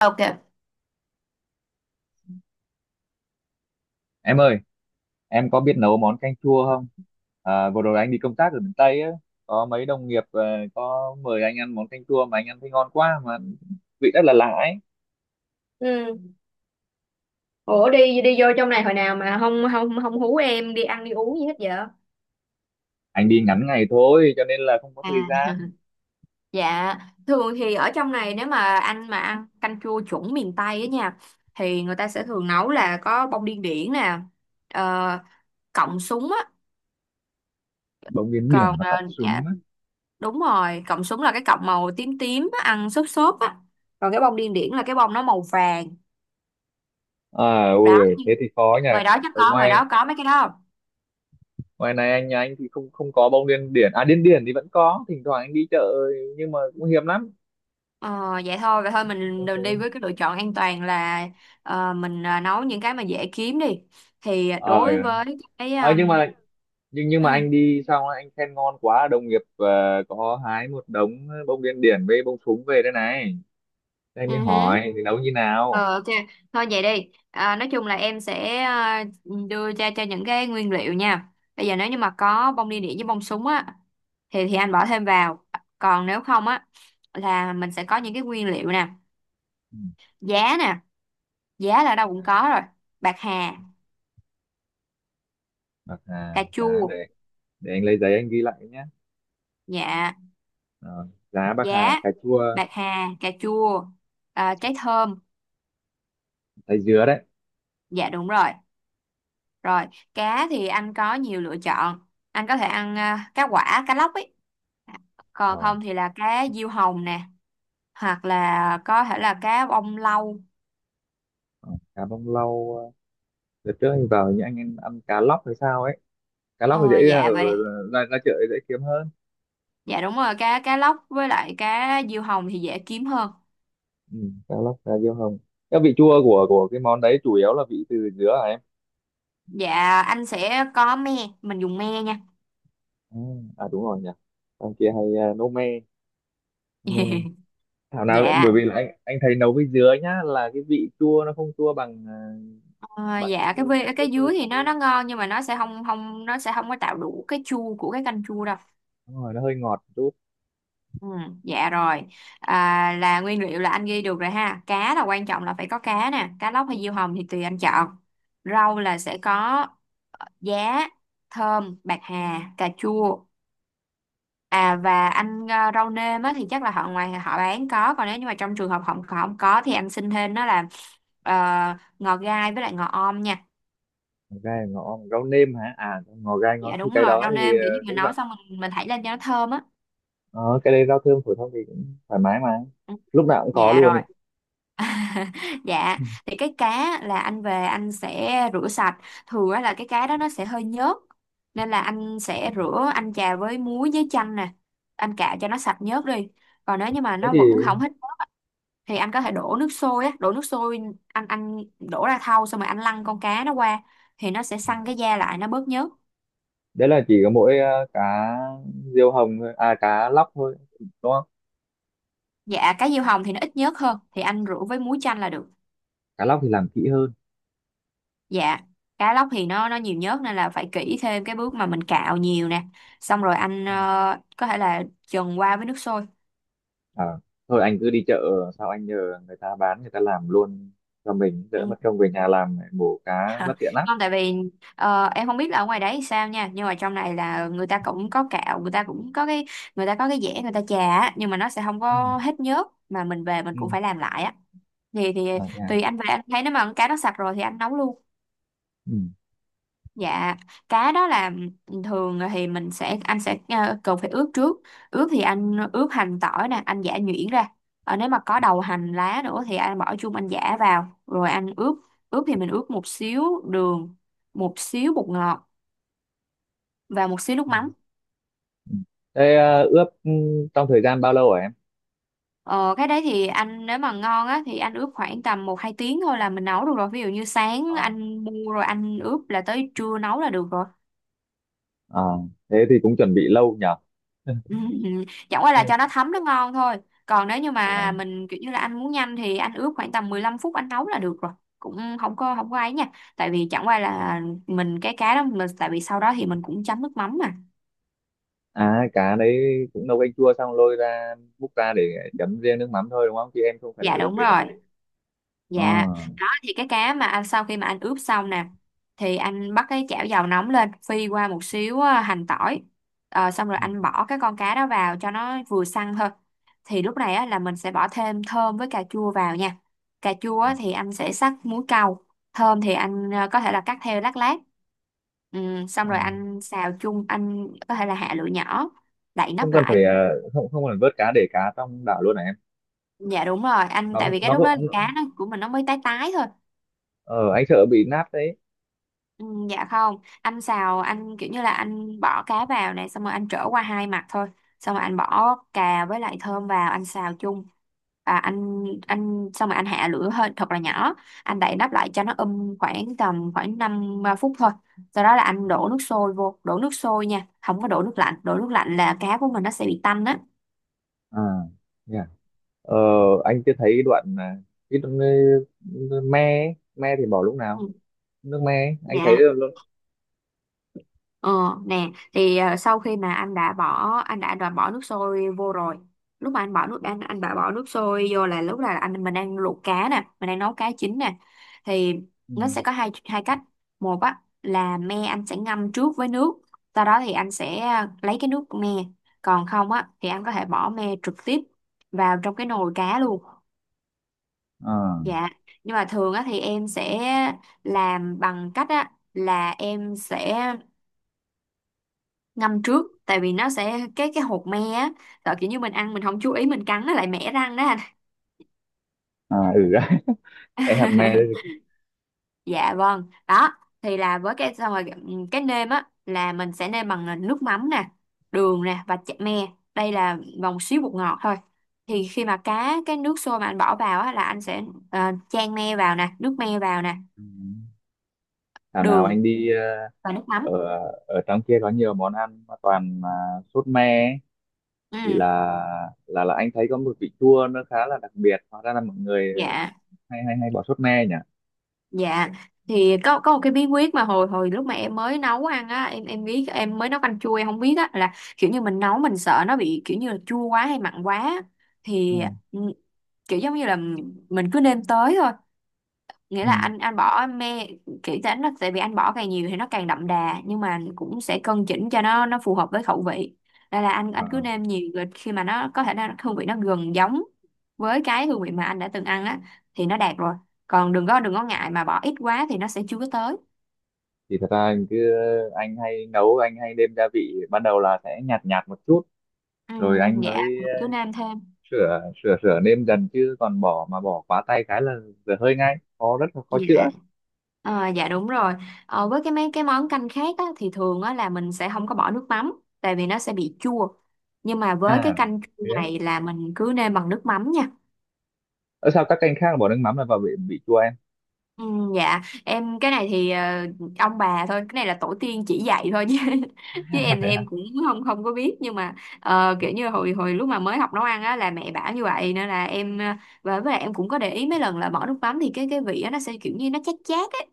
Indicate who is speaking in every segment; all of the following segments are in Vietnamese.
Speaker 1: Ok.
Speaker 2: Em ơi, em có biết nấu món canh chua không? À, vừa rồi anh đi công tác ở miền Tây á, có mấy đồng nghiệp có mời anh ăn món canh chua mà anh ăn thấy ngon quá mà vị rất là lạ ấy.
Speaker 1: Ừ. Ủa đi đi vô trong này hồi nào mà không không không hú em đi ăn đi uống gì hết vậy?
Speaker 2: Anh đi ngắn ngày thôi cho nên là không có thời
Speaker 1: À,
Speaker 2: gian.
Speaker 1: dạ, thường thì ở trong này nếu mà anh mà ăn canh chua chuẩn miền Tây á nha thì người ta sẽ thường nấu là có bông điên điển nè, ờ, cọng súng á,
Speaker 2: Bông điên điển
Speaker 1: còn
Speaker 2: và cọng
Speaker 1: dạ
Speaker 2: súng á.
Speaker 1: đúng rồi, cọng súng là cái cọng màu tím tím á, ăn xốp xốp á. Còn cái bông điên điển là cái bông nó màu vàng.
Speaker 2: À, ôi
Speaker 1: Đó,
Speaker 2: ơi,
Speaker 1: nhưng
Speaker 2: thế thì khó nhỉ.
Speaker 1: ngoài đó chắc
Speaker 2: Ở
Speaker 1: có, ngoài
Speaker 2: ngoài
Speaker 1: đó có mấy cái đó không?
Speaker 2: ngoài này anh nhà anh thì không không có bông điên điển. À điên điển thì vẫn có, thỉnh thoảng anh đi chợ nhưng mà cũng hiếm lắm.
Speaker 1: Ờ, vậy thôi mình
Speaker 2: Bông
Speaker 1: đừng đi
Speaker 2: súng.
Speaker 1: với cái lựa chọn an toàn là mình nấu những cái mà dễ kiếm đi. Thì
Speaker 2: Ờ,
Speaker 1: đối với cái
Speaker 2: ờ, nhưng mà nhưng
Speaker 1: ừ,
Speaker 2: mà anh đi xong anh khen ngon quá đồng nghiệp có hái một đống bông điên điển với bông súng về đây này. Thế anh
Speaker 1: ừ
Speaker 2: mới
Speaker 1: hứ.
Speaker 2: hỏi thì nấu như nào.
Speaker 1: Ờ, ok, thôi vậy đi. À, nói chung là em sẽ à, đưa cho những cái nguyên liệu nha. Bây giờ nếu như mà có bông đi đĩa với bông súng á thì anh bỏ thêm vào. Còn nếu không á là mình sẽ có những cái nguyên liệu
Speaker 2: Ừ,
Speaker 1: nè, giá là ở đâu
Speaker 2: à,
Speaker 1: cũng có rồi. Bạc hà,
Speaker 2: bạc hà
Speaker 1: cà
Speaker 2: giá
Speaker 1: chua,
Speaker 2: để anh lấy giấy anh ghi lại nhé.
Speaker 1: dạ,
Speaker 2: Ờ, giá bạc hà
Speaker 1: giá
Speaker 2: cà chua
Speaker 1: bạc hà cà chua à, trái thơm,
Speaker 2: thái dứa đấy.
Speaker 1: dạ đúng rồi. Rồi, cá thì anh có nhiều lựa chọn, anh có thể ăn à, cá quả, cá lóc ấy. Dạ. Còn
Speaker 2: ờ,
Speaker 1: không thì là cá diêu hồng nè, hoặc là có thể là cá bông lau.
Speaker 2: ờ, Cá bông lau đợt trước anh vào những anh ăn, ăn cá lóc hay sao ấy, cá lóc thì dễ
Speaker 1: Ờ,
Speaker 2: ra
Speaker 1: dạ
Speaker 2: ở
Speaker 1: vậy,
Speaker 2: ra, ra chợ thì dễ kiếm hơn.
Speaker 1: dạ đúng rồi, cá cá lóc với lại cá diêu hồng thì dễ kiếm hơn.
Speaker 2: Ừ, cá lóc cá diêu hồng, cái vị chua của cái món đấy chủ yếu là vị từ dứa hả.
Speaker 1: Dạ anh sẽ có me, mình dùng me nha.
Speaker 2: Ừ, à đúng rồi nhỉ, ông kia hay nấu me, me. Thảo nào, bởi
Speaker 1: Dạ.
Speaker 2: vì là anh thấy nấu với dứa nhá là cái vị chua nó không chua bằng à,
Speaker 1: Ờ,
Speaker 2: bằng như
Speaker 1: dạ cái
Speaker 2: cái
Speaker 1: cái
Speaker 2: lúc đó
Speaker 1: dưới thì nó
Speaker 2: kia,
Speaker 1: nó ngon, nhưng mà nó sẽ không không nó sẽ không có tạo đủ cái chua của cái canh chua đâu.
Speaker 2: đúng rồi nó hơi ngọt một chút.
Speaker 1: Ừ, dạ rồi. À, là nguyên liệu là anh ghi được rồi ha, cá là quan trọng, là phải có cá nè, cá lóc hay diêu hồng thì tùy anh chọn. Rau là sẽ có giá, thơm, bạc hà, cà chua, à và anh rau nêm á, thì chắc là họ ngoài họ bán có, còn nếu như mà trong trường hợp họ họ không có thì anh xin thêm đó là ờ, ngò gai với lại ngò om nha.
Speaker 2: Ngò gai ngọ rau nêm hả, à ngò gai ngó
Speaker 1: Dạ đúng
Speaker 2: cái
Speaker 1: rồi,
Speaker 2: đó
Speaker 1: rau
Speaker 2: thì
Speaker 1: nêm
Speaker 2: à,
Speaker 1: kiểu như mình
Speaker 2: cũng
Speaker 1: nấu
Speaker 2: rau.
Speaker 1: xong mình thảy lên cho nó thơm á.
Speaker 2: Ờ, cái đấy rau thơm phổi thông thì cũng thoải mái mà,
Speaker 1: Ừ.
Speaker 2: lúc nào cũng có
Speaker 1: Dạ
Speaker 2: luôn
Speaker 1: rồi.
Speaker 2: ấy.
Speaker 1: Dạ,
Speaker 2: Ừ.
Speaker 1: thì cái cá là anh về anh sẽ rửa sạch. Thường á là cái cá đó nó sẽ hơi nhớt, nên là anh sẽ rửa, anh chà với muối với chanh nè, anh cạo cho nó sạch nhớt đi. Còn nếu như mà
Speaker 2: Thế
Speaker 1: nó
Speaker 2: thì
Speaker 1: vẫn không hết nhớt thì anh có thể đổ nước sôi á, đổ nước sôi, anh đổ ra thau, xong rồi anh lăn con cá nó qua thì nó sẽ săn cái da lại, nó bớt nhớt.
Speaker 2: đấy là chỉ có mỗi cá diêu hồng thôi à, cá lóc thôi đúng không?
Speaker 1: Dạ cá diêu hồng thì nó ít nhớt hơn, thì anh rửa với muối chanh là được.
Speaker 2: Cá lóc thì làm kỹ hơn.
Speaker 1: Dạ, cá lóc thì nó nhiều nhớt nên là phải kỹ thêm cái bước mà mình cạo nhiều nè. Xong rồi anh có thể là trần qua với nước sôi.
Speaker 2: À, thôi anh cứ đi chợ sao anh nhờ người ta bán người ta làm luôn cho mình đỡ
Speaker 1: Ừ.
Speaker 2: mất công về nhà làm lại, mổ cá bất tiện lắm.
Speaker 1: Không, tại vì em không biết là ở ngoài đấy sao nha, nhưng mà trong này là người ta cũng có cạo, người ta cũng có cái, người ta có cái dẻ người ta chà á, nhưng mà nó sẽ không
Speaker 2: Ừ.
Speaker 1: có hết nhớt mà mình về mình
Speaker 2: Ừ.
Speaker 1: cũng phải làm lại á. Thì
Speaker 2: À, nha.
Speaker 1: tùy anh, về anh thấy nếu mà con cá nó sạch rồi thì anh nấu luôn.
Speaker 2: Ừ.
Speaker 1: Dạ, cá đó là thường thì mình sẽ anh sẽ cần phải ướp trước. Ướp thì anh ướp hành tỏi nè, anh giã nhuyễn ra. Ờ, nếu mà có đầu hành lá nữa thì anh bỏ chung anh giã vào rồi anh ướp. Ướp thì mình ướp một xíu đường, một xíu bột ngọt và một xíu nước
Speaker 2: Ừ.
Speaker 1: mắm.
Speaker 2: Ừ. Thế ướp trong thời gian bao lâu hả em?
Speaker 1: Ờ, cái đấy thì anh nếu mà ngon á thì anh ướp khoảng tầm 1-2 tiếng thôi là mình nấu được rồi. Ví dụ như sáng
Speaker 2: À,
Speaker 1: anh mua rồi anh ướp là tới trưa nấu là được rồi.
Speaker 2: à, thế thì cũng chuẩn bị lâu nhở.
Speaker 1: Ừ, ừ, chẳng qua là cho nó thấm nó ngon thôi. Còn nếu như
Speaker 2: Ờ.
Speaker 1: mà mình kiểu như là anh muốn nhanh thì anh ướp khoảng tầm 15 phút anh nấu là được rồi, cũng không có, không có ấy nha, tại vì chẳng qua là mình cái cá đó mình, tại vì sau đó thì mình cũng chấm nước mắm mà.
Speaker 2: À cá đấy cũng nấu canh chua xong lôi ra múc ra để chấm riêng nước mắm thôi đúng không, chứ em không phải là
Speaker 1: Dạ
Speaker 2: ướp
Speaker 1: đúng
Speaker 2: để đậm
Speaker 1: rồi.
Speaker 2: vị. Ờ.
Speaker 1: Dạ, đó thì cái cá mà anh sau khi mà anh ướp xong nè, thì anh bắt cái chảo dầu nóng lên, phi qua một xíu hành tỏi. Ờ, xong rồi
Speaker 2: Ừ.
Speaker 1: anh bỏ cái con cá đó vào cho nó vừa săn thôi. Thì lúc này á, là mình sẽ bỏ thêm thơm với cà chua vào nha. Cà chua á, thì anh sẽ sắc muối câu, thơm thì anh có thể là cắt theo lát lát. Ừ, xong
Speaker 2: Ờ.
Speaker 1: rồi anh xào chung, anh có thể là hạ lửa nhỏ, đậy
Speaker 2: Không
Speaker 1: nắp
Speaker 2: cần
Speaker 1: lại.
Speaker 2: phải không không cần vớt cá, để cá trong đảo luôn hả em?
Speaker 1: Dạ đúng rồi, anh
Speaker 2: nó
Speaker 1: tại vì cái
Speaker 2: nó
Speaker 1: lúc đó
Speaker 2: có
Speaker 1: là cá nó của mình nó mới tái tái thôi.
Speaker 2: ờ anh sợ bị nát đấy.
Speaker 1: Ừ, dạ không, anh xào anh kiểu như là anh bỏ cá vào này xong rồi anh trở qua hai mặt thôi, xong rồi anh bỏ cà với lại thơm vào anh xào chung, à, anh xong rồi anh hạ lửa hơi thật là nhỏ, anh đậy nắp lại cho nó khoảng tầm khoảng 5 phút thôi, sau đó là anh đổ nước sôi vô, đổ nước sôi nha, không có đổ nước lạnh, đổ nước lạnh là cá của mình nó sẽ bị tanh á.
Speaker 2: À, yeah. Ờ, anh chưa thấy đoạn cái đoạn, me ấy. Me thì bỏ lúc nào,
Speaker 1: Ừ,
Speaker 2: nước me ấy. Anh thấy
Speaker 1: dạ.
Speaker 2: luôn luôn.
Speaker 1: Ờ, nè thì sau khi mà anh đã bỏ, đã bỏ nước sôi vô rồi, lúc mà anh bỏ nước anh đã bỏ nước sôi vô là lúc là anh mình đang luộc cá nè, mình đang nấu cá chín nè, thì
Speaker 2: Ừ.
Speaker 1: nó sẽ có hai hai cách. Một á là me anh sẽ ngâm trước với nước, sau đó thì anh sẽ lấy cái nước me. Còn không á thì anh có thể bỏ me trực tiếp vào trong cái nồi cá luôn.
Speaker 2: À,
Speaker 1: Dạ, nhưng mà thường á thì em sẽ làm bằng cách á là em sẽ ngâm trước, tại vì nó sẽ cái hột me á, sợ kiểu như mình ăn mình không chú ý mình cắn nó lại mẻ răng đó anh.
Speaker 2: à, ừ. Cái hạt me đấy.
Speaker 1: Dạ vâng, đó thì là với cái xong rồi cái nêm á là mình sẽ nêm bằng là nước mắm nè, đường nè và chả me, đây là vòng xíu bột ngọt thôi. Thì khi mà cá cái nước sôi mà anh bỏ vào á là anh sẽ chan me vào nè, nước me vào nè,
Speaker 2: Ừ. Thảo nào
Speaker 1: đường
Speaker 2: anh đi
Speaker 1: và nước
Speaker 2: ở
Speaker 1: mắm.
Speaker 2: ở trong kia có nhiều món ăn mà toàn mà sốt me ấy. Thì là
Speaker 1: Ừ.
Speaker 2: là anh thấy có một vị chua nó khá là đặc biệt, hóa ra là mọi người
Speaker 1: Dạ.
Speaker 2: hay hay hay bỏ sốt me nhỉ.
Speaker 1: Dạ thì có một cái bí quyết mà hồi hồi lúc mà em mới nấu ăn á, em biết em mới nấu canh chua em không biết á là kiểu như mình nấu mình sợ nó bị kiểu như là chua quá hay mặn quá,
Speaker 2: Ừ.
Speaker 1: thì ừ, kiểu giống như là mình cứ nêm tới thôi, nghĩa là anh bỏ mê kỹ tính là tại vì anh bỏ càng nhiều thì nó càng đậm đà, nhưng mà cũng sẽ cân chỉnh cho nó phù hợp với khẩu vị. Đây là anh
Speaker 2: Ừ.
Speaker 1: anh cứ nêm nhiều, rồi khi mà nó có thể nó hương vị nó gần giống với cái hương vị mà anh đã từng ăn á thì nó đạt rồi, còn đừng có, đừng có ngại mà bỏ ít quá thì nó sẽ chưa có tới.
Speaker 2: Thì thật ra anh cứ anh hay nấu anh hay nêm gia vị ban đầu là sẽ nhạt nhạt một chút,
Speaker 1: Ừ,
Speaker 2: rồi anh
Speaker 1: dạ,
Speaker 2: mới
Speaker 1: cứ nêm thêm.
Speaker 2: sửa sửa sửa nêm dần, chứ còn bỏ mà bỏ quá tay cái là dở hơi ngay, khó rất là khó chữa.
Speaker 1: Dạ. Ờ, dạ đúng rồi. Ờ, với cái mấy cái món canh khác á, thì thường á, là mình sẽ không có bỏ nước mắm tại vì nó sẽ bị chua. Nhưng mà với cái
Speaker 2: À
Speaker 1: canh chua
Speaker 2: thế á.
Speaker 1: này là mình cứ nêm bằng nước mắm nha.
Speaker 2: Ơ sao các canh khác bỏ nước mắm là vào bị chua em?
Speaker 1: Ừ, dạ em cái này thì ông bà thôi, cái này là tổ tiên chỉ dạy thôi chứ chứ em thì
Speaker 2: Thế hả?
Speaker 1: em cũng không không có biết, nhưng mà kiểu như hồi hồi lúc mà mới học nấu ăn á là mẹ bảo như vậy, nên là em và với lại em cũng có để ý mấy lần là bỏ nước mắm thì cái vị á nó sẽ kiểu như nó chát chát ấy,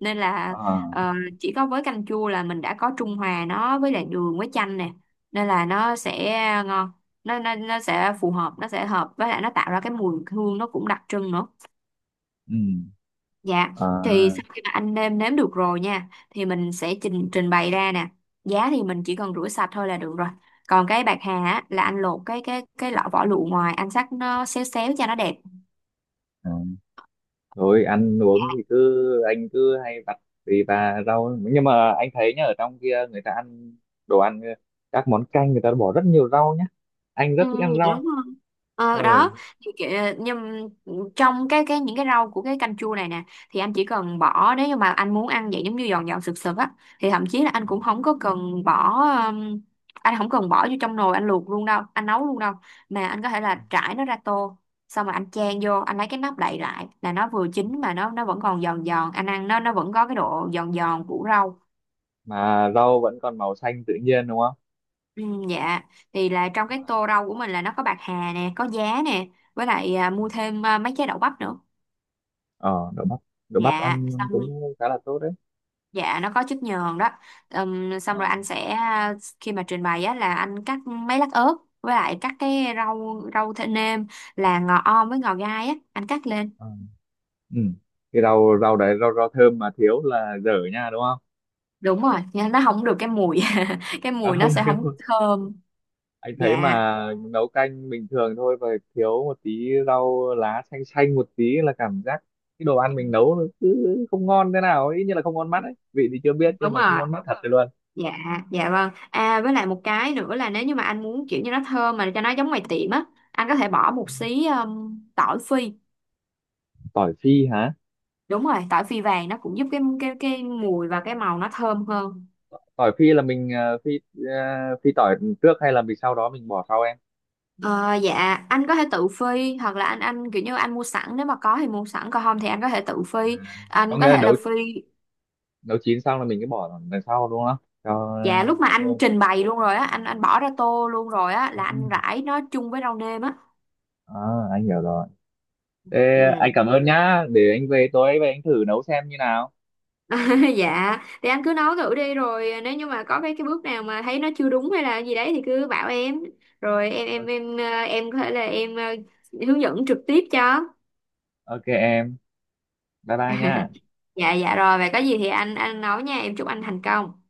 Speaker 1: nên là
Speaker 2: À,
Speaker 1: ờ, chỉ có với canh chua là mình đã có trung hòa nó với lại đường với chanh nè, nên là nó sẽ ngon, nó sẽ phù hợp, nó sẽ hợp với lại nó tạo ra cái mùi hương nó cũng đặc trưng nữa.
Speaker 2: ừ,
Speaker 1: Dạ, thì
Speaker 2: à,
Speaker 1: sau khi mà anh nêm nếm được rồi nha, thì mình sẽ trình trình bày ra nè. Giá thì mình chỉ cần rửa sạch thôi là được rồi. Còn cái bạc hà á, là anh lột cái cái lọ vỏ lụa ngoài, anh xắt nó xéo xéo cho nó đẹp.
Speaker 2: à. Rồi ăn uống thì cứ anh cứ hay vặt tùy và rau, nhưng mà anh thấy nhá, ở trong kia người ta ăn đồ ăn các món canh người ta bỏ rất nhiều rau nhá, anh rất
Speaker 1: Ừ,
Speaker 2: thích ăn
Speaker 1: dạ đúng.
Speaker 2: rau.
Speaker 1: Ờ,
Speaker 2: Ừ,
Speaker 1: đó thì kiểu, nhưng trong cái những cái rau của cái canh chua này nè thì anh chỉ cần bỏ nếu như mà anh muốn ăn vậy giống như giòn giòn sực sực á, thì thậm chí là anh cũng không có cần bỏ um, anh không cần bỏ vô trong nồi anh luộc luôn đâu, anh nấu luôn đâu, mà anh có thể là trải nó ra tô, xong rồi anh chan vô, anh lấy cái nắp đậy lại là nó vừa chín mà nó vẫn còn giòn giòn, anh ăn nó vẫn có cái độ giòn giòn của rau.
Speaker 2: mà rau vẫn còn màu xanh tự nhiên đúng không?
Speaker 1: Ừ, dạ, thì là trong cái tô rau của mình là nó có bạc hà nè, có giá nè, với lại à, mua thêm à, mấy trái đậu bắp nữa.
Speaker 2: Ờ đậu bắp, đậu bắp
Speaker 1: Dạ
Speaker 2: ăn
Speaker 1: xong,
Speaker 2: cũng khá là tốt đấy.
Speaker 1: dạ nó có chất nhờn đó.
Speaker 2: Ờ.
Speaker 1: Xong rồi anh sẽ khi mà trình bày á là anh cắt mấy lát ớt, với lại cắt cái rau rau thơm nêm là ngò om với ngò gai á anh cắt lên.
Speaker 2: Ờ. Ừ cái rau rau đấy, rau rau thơm mà thiếu là dở nha đúng không?
Speaker 1: Đúng rồi nha, nó không được cái mùi cái
Speaker 2: Ờ,
Speaker 1: mùi nó
Speaker 2: không
Speaker 1: sẽ
Speaker 2: thiếu,
Speaker 1: không thơm.
Speaker 2: anh thấy
Speaker 1: Dạ
Speaker 2: mà nấu canh bình thường thôi và thiếu một tí rau lá xanh xanh một tí là cảm giác cái đồ ăn mình nấu nó cứ không ngon thế nào ấy, như là không ngon mắt ấy, vị thì chưa biết nhưng
Speaker 1: đúng
Speaker 2: mà không
Speaker 1: rồi.
Speaker 2: ngon mắt thật rồi luôn.
Speaker 1: Dạ, dạ vâng, à với lại một cái nữa là nếu như mà anh muốn kiểu như nó thơm mà cho nó giống ngoài tiệm á, anh có thể bỏ một xí tỏi phi.
Speaker 2: Tỏi phi hả?
Speaker 1: Đúng rồi, tỏi phi vàng nó cũng giúp cái cái mùi và cái màu nó thơm hơn.
Speaker 2: Tỏi phi là mình phi ờ, phi tỏi trước hay là mình sau đó mình bỏ sau em?
Speaker 1: Ờ, dạ anh có thể tự phi hoặc là anh kiểu như anh mua sẵn, nếu mà có thì mua sẵn, còn không thì anh có thể tự phi,
Speaker 2: Có
Speaker 1: anh
Speaker 2: nghĩa
Speaker 1: có
Speaker 2: là
Speaker 1: thể
Speaker 2: nấu
Speaker 1: là phi.
Speaker 2: nấu chín xong là mình cứ bỏ đằng sau đúng không, cho
Speaker 1: Dạ lúc mà anh
Speaker 2: thơm.
Speaker 1: trình bày luôn rồi á anh bỏ ra tô luôn rồi á là anh rải nó chung với rau nêm á.
Speaker 2: À, anh hiểu rồi. Thế anh
Speaker 1: Ừ.
Speaker 2: cảm ơn nhá, để anh về tối về anh thử nấu xem như nào.
Speaker 1: Dạ thì anh cứ nấu thử đi, rồi nếu như mà có cái bước nào mà thấy nó chưa đúng hay là gì đấy thì cứ bảo em, rồi em
Speaker 2: Ờ,
Speaker 1: em em ờ, em có thể là em hướng dẫn trực tiếp cho.
Speaker 2: ok em, bye bye nhá.
Speaker 1: Dạ dạ rồi, vậy có gì thì anh nấu nha, em chúc anh thành công.